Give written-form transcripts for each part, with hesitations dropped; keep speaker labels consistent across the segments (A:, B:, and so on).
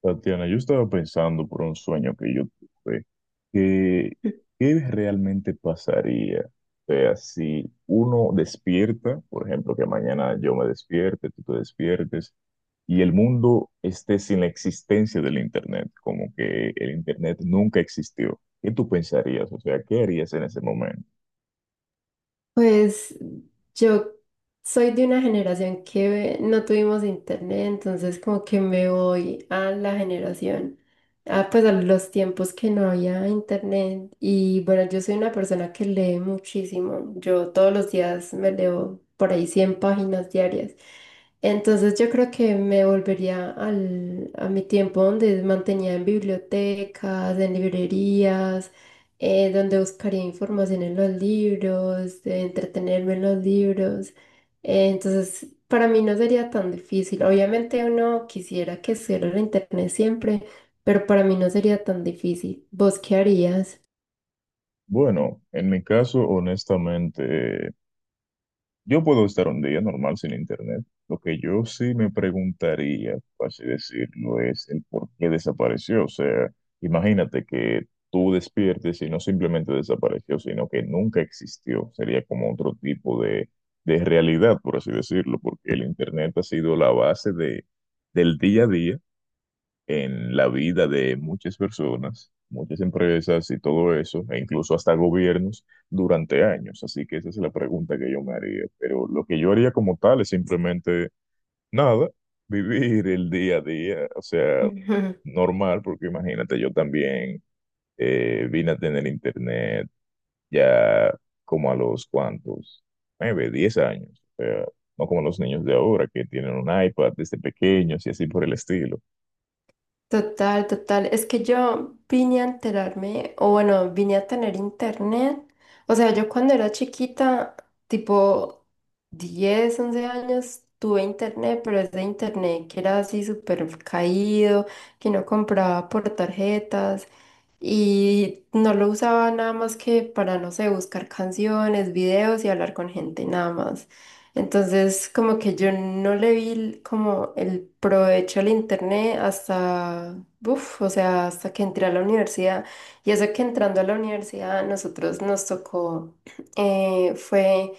A: Tatiana, yo estaba pensando por un sueño que yo tuve, que qué realmente pasaría. O sea, si uno despierta, por ejemplo, que mañana yo me despierte, tú te despiertes, y el mundo esté sin la existencia del Internet, como que el Internet nunca existió. ¿Qué tú pensarías? O sea, ¿qué harías en ese momento?
B: Pues yo soy de una generación que no tuvimos internet, entonces como que me voy a la pues a los tiempos que no había internet. Y bueno, yo soy una persona que lee muchísimo. Yo todos los días me leo por ahí 100 páginas diarias. Entonces yo creo que me volvería a mi tiempo donde mantenía en bibliotecas, en librerías, donde buscaría información en los libros, de entretenerme en los libros. Entonces, para mí no sería tan difícil. Obviamente uno quisiera que estuviera en internet siempre, pero para mí no sería tan difícil. ¿Vos qué harías?
A: Bueno, en mi caso, honestamente, yo puedo estar un día normal sin internet. Lo que yo sí me preguntaría, por así decirlo, es el por qué desapareció. O sea, imagínate que tú despiertes y no simplemente desapareció, sino que nunca existió. Sería como otro tipo de realidad, por así decirlo, porque el internet ha sido la base del día a día en la vida de muchas personas, muchas empresas y todo eso, e incluso hasta gobiernos durante años. Así que esa es la pregunta que yo me haría. Pero lo que yo haría como tal es simplemente nada, vivir el día a día, o sea, normal, porque imagínate, yo también vine a tener internet ya como a los cuantos, 9, 10 años, o sea, no como los niños de ahora que tienen un iPad desde pequeños y así por el estilo.
B: Total, total. Es que yo vine a enterarme, o bueno, vine a tener internet. O sea, yo cuando era chiquita, tipo 10, 11 años, tuve internet, pero es de internet que era así súper caído, que no compraba por tarjetas y no lo usaba nada más que para, no sé, buscar canciones, videos y hablar con gente, nada más. Entonces, como que yo no le vi como el provecho al internet hasta, o sea, hasta que entré a la universidad. Y eso que entrando a la universidad, nosotros nos tocó, fue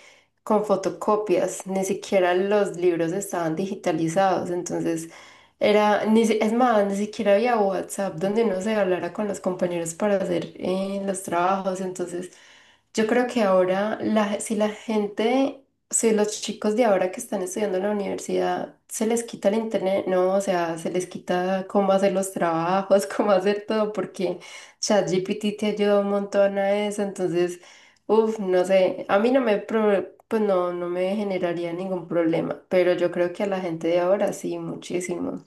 B: con fotocopias, ni siquiera los libros estaban digitalizados. Entonces, era, ni, si- es más, ni siquiera había WhatsApp donde uno se hablara con los compañeros para hacer los trabajos. Entonces, yo creo que ahora la, si la gente si los chicos de ahora que están estudiando en la universidad se les quita el internet, no, o sea, se les quita cómo hacer los trabajos, cómo hacer todo, porque ChatGPT te ayuda un montón a eso, entonces, no sé, a mí no me, pro- pues no, no me generaría ningún problema, pero yo creo que a la gente de ahora sí, muchísimo.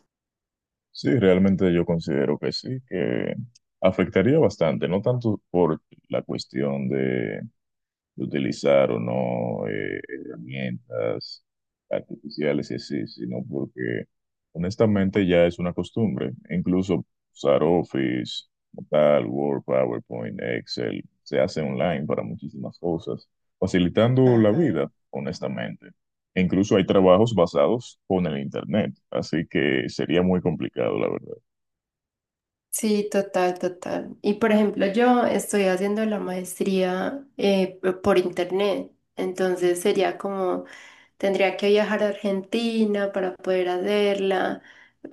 A: Sí, realmente yo considero que sí, que afectaría bastante, no tanto por la cuestión de utilizar o no herramientas artificiales y así, sino porque honestamente ya es una costumbre. Incluso usar Office, Tal, Word, PowerPoint, Excel, se hace online para muchísimas cosas, facilitando la
B: Ajá.
A: vida, honestamente. E incluso hay trabajos basados con el Internet, así que sería muy complicado, la verdad.
B: Sí, total, total. Y por ejemplo, yo estoy haciendo la maestría por internet, entonces sería como. Tendría que viajar a Argentina para poder hacerla.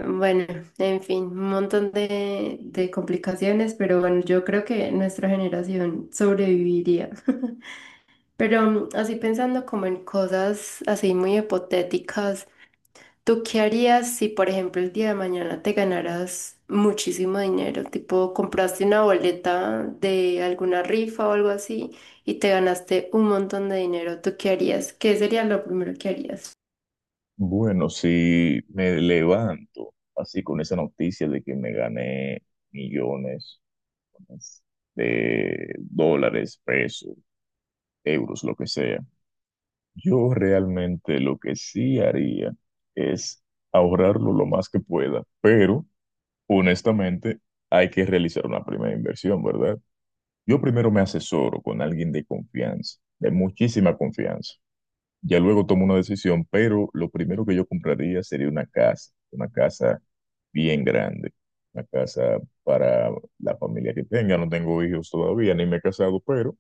B: Bueno, en fin, un montón de complicaciones, pero bueno, yo creo que nuestra generación sobreviviría. Pero así pensando como en cosas así muy hipotéticas, ¿tú qué harías si, por ejemplo, el día de mañana te ganaras muchísimo dinero? Tipo, compraste una boleta de alguna rifa o algo así y te ganaste un montón de dinero. ¿Tú qué harías? ¿Qué sería lo primero que harías?
A: Bueno, si me levanto así con esa noticia de que me gané millones de dólares, pesos, euros, lo que sea. Yo realmente lo que sí haría es ahorrarlo lo más que pueda, pero honestamente hay que realizar una primera inversión, ¿verdad? Yo primero me asesoro con alguien de confianza, de muchísima confianza. Ya luego tomo una decisión, pero lo primero que yo compraría sería una casa bien grande, una casa para la familia que tenga. No tengo hijos todavía, ni me he casado, pero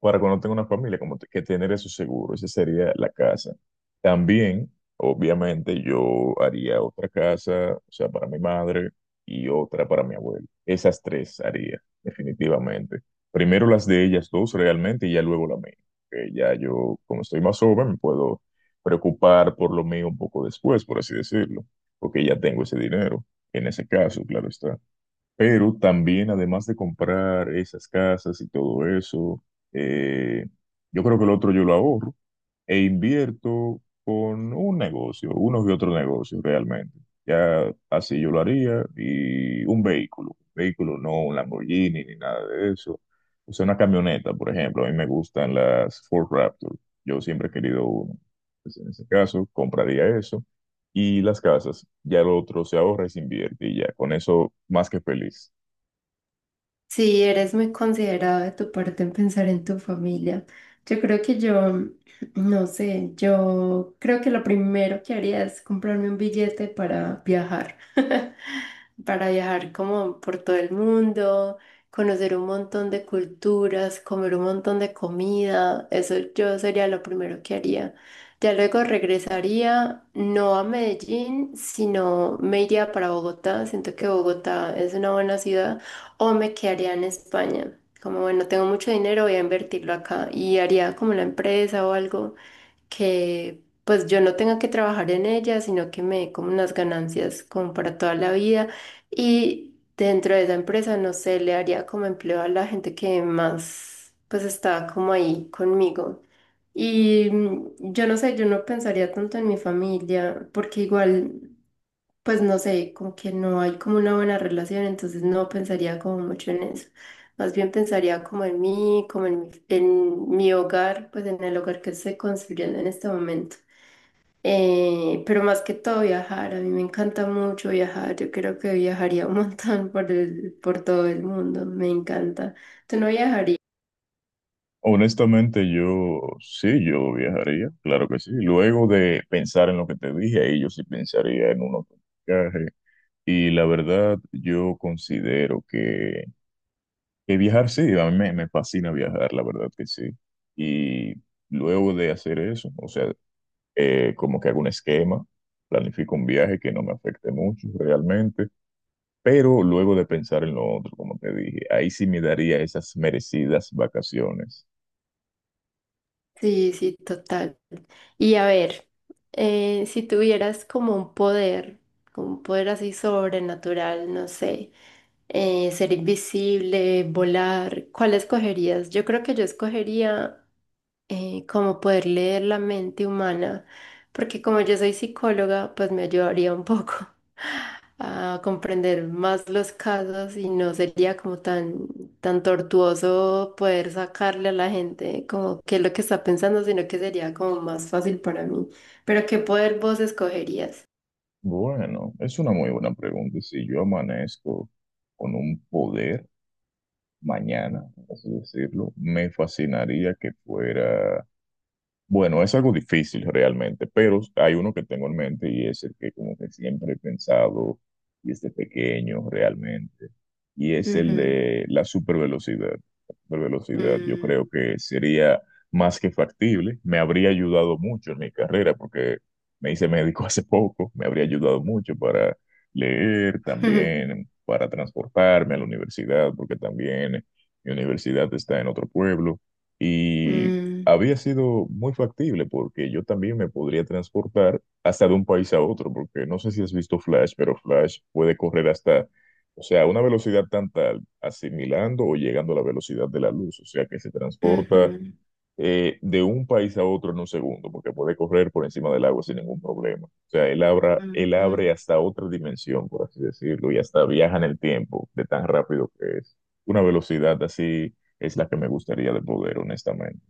A: para cuando tenga una familia, como que tener eso seguro, esa sería la casa. También, obviamente, yo haría otra casa, o sea, para mi madre y otra para mi abuelo. Esas tres haría, definitivamente. Primero las de ellas dos realmente y ya luego la mía. Que ya yo, como estoy más joven, me puedo preocupar por lo mío un poco después, por así decirlo, porque ya tengo ese dinero, en ese caso, claro está. Pero también, además de comprar esas casas y todo eso, eh, yo creo que el otro yo lo ahorro e invierto con un negocio, unos y otros negocios realmente. Ya así yo lo haría y un vehículo no un Lamborghini ni nada de eso. O sea, una camioneta, por ejemplo, a mí me gustan las Ford Raptor. Yo siempre he querido uno. Pues, en ese caso, compraría eso. Y las casas, ya lo otro se ahorra y se invierte y ya, con eso más que feliz.
B: Sí, eres muy considerado de tu parte en pensar en tu familia. Yo creo que yo, no sé, yo creo que lo primero que haría es comprarme un billete para viajar, para viajar como por todo el mundo, conocer un montón de culturas, comer un montón de comida. Eso yo sería lo primero que haría. Ya luego regresaría, no a Medellín, sino me iría para Bogotá. Siento que Bogotá es una buena ciudad. O me quedaría en España. Como bueno, tengo mucho dinero, voy a invertirlo acá y haría como una empresa o algo que pues yo no tenga que trabajar en ella, sino que me dé como unas ganancias como para toda la vida. Y dentro de esa empresa, no sé, le haría como empleo a la gente que más pues está como ahí conmigo. Y yo no sé, yo no pensaría tanto en mi familia, porque igual pues no sé, como que no hay como una buena relación, entonces no pensaría como mucho en eso. Más bien pensaría como en mí, en mi hogar, pues en el hogar que estoy construyendo en este momento. Pero más que todo viajar, a mí me encanta mucho viajar, yo creo que viajaría un montón por todo el mundo, me encanta. ¿Tú no viajarías?
A: Honestamente, yo sí, yo viajaría, claro que sí. Luego de pensar en lo que te dije, ahí yo sí pensaría en un otro viaje. Y la verdad, yo considero que viajar sí, a mí me, me fascina viajar, la verdad que sí. Y luego de hacer eso, o sea, como que hago un esquema, planifico un viaje que no me afecte mucho realmente, pero luego de pensar en lo otro, como te dije, ahí sí me daría esas merecidas vacaciones.
B: Sí, sí, total. Y a ver, si tuvieras como un poder así sobrenatural, no sé. Ser invisible, volar, ¿cuál escogerías? Yo creo que yo escogería, como poder leer la mente humana, porque como yo soy psicóloga, pues me ayudaría un poco a comprender más los casos y no sería como tan, tan tortuoso poder sacarle a la gente como qué es lo que está pensando, sino que sería como más fácil para mí. Pero ¿qué poder vos escogerías?
A: Bueno, es una muy buena pregunta. Si yo amanezco con un poder mañana, por así decirlo, me fascinaría que fuera. Bueno, es algo difícil realmente, pero hay uno que tengo en mente y es el que como que siempre he pensado desde pequeño realmente, y es el
B: Ujú.
A: de la supervelocidad. La supervelocidad yo creo
B: Mm.
A: que sería más que factible, me habría ayudado mucho en mi carrera porque me hice médico hace poco, me habría ayudado mucho para leer también, para transportarme a la universidad, porque también mi universidad está en otro pueblo. Y
B: Mm.
A: había sido muy factible porque yo también me podría transportar hasta de un país a otro, porque no sé si has visto Flash, pero Flash puede correr hasta, o sea, a una velocidad tan tal, asimilando o llegando a la velocidad de la luz, o sea, que se transporta
B: Ujú.
A: de un país a otro en 1 segundo, porque puede correr por encima del agua sin ningún problema. O sea, él abra, él
B: Ujú.
A: abre hasta otra dimensión, por así decirlo, y hasta viaja en el tiempo de tan rápido que es. Una velocidad así es la que me gustaría de poder, honestamente.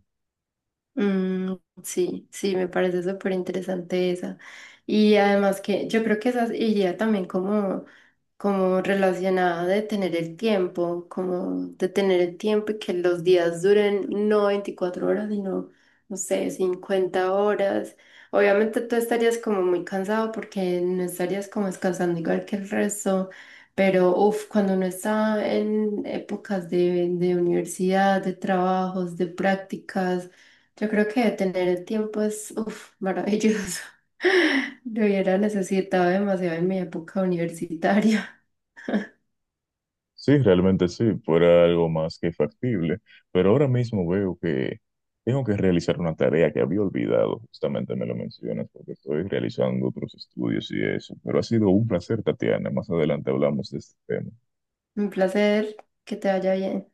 B: Mm, sí, sí, me parece súper interesante esa. Y además que yo creo que esa iría también como relacionada de tener el tiempo, como de tener el tiempo y que los días duren no 24 horas, sino, no sé, 50 horas. Obviamente tú estarías como muy cansado porque no estarías como descansando igual que el resto, pero cuando uno está en épocas de universidad, de trabajos, de prácticas. Yo creo que tener el tiempo es, uf, maravilloso. Lo hubiera necesitado demasiado en mi época universitaria.
A: Sí, realmente sí, fuera algo más que factible, pero ahora mismo veo que tengo que realizar una tarea que había olvidado, justamente me lo mencionas, porque estoy realizando otros estudios y eso, pero ha sido un placer, Tatiana, más adelante hablamos de este tema.
B: Un placer, que te vaya bien.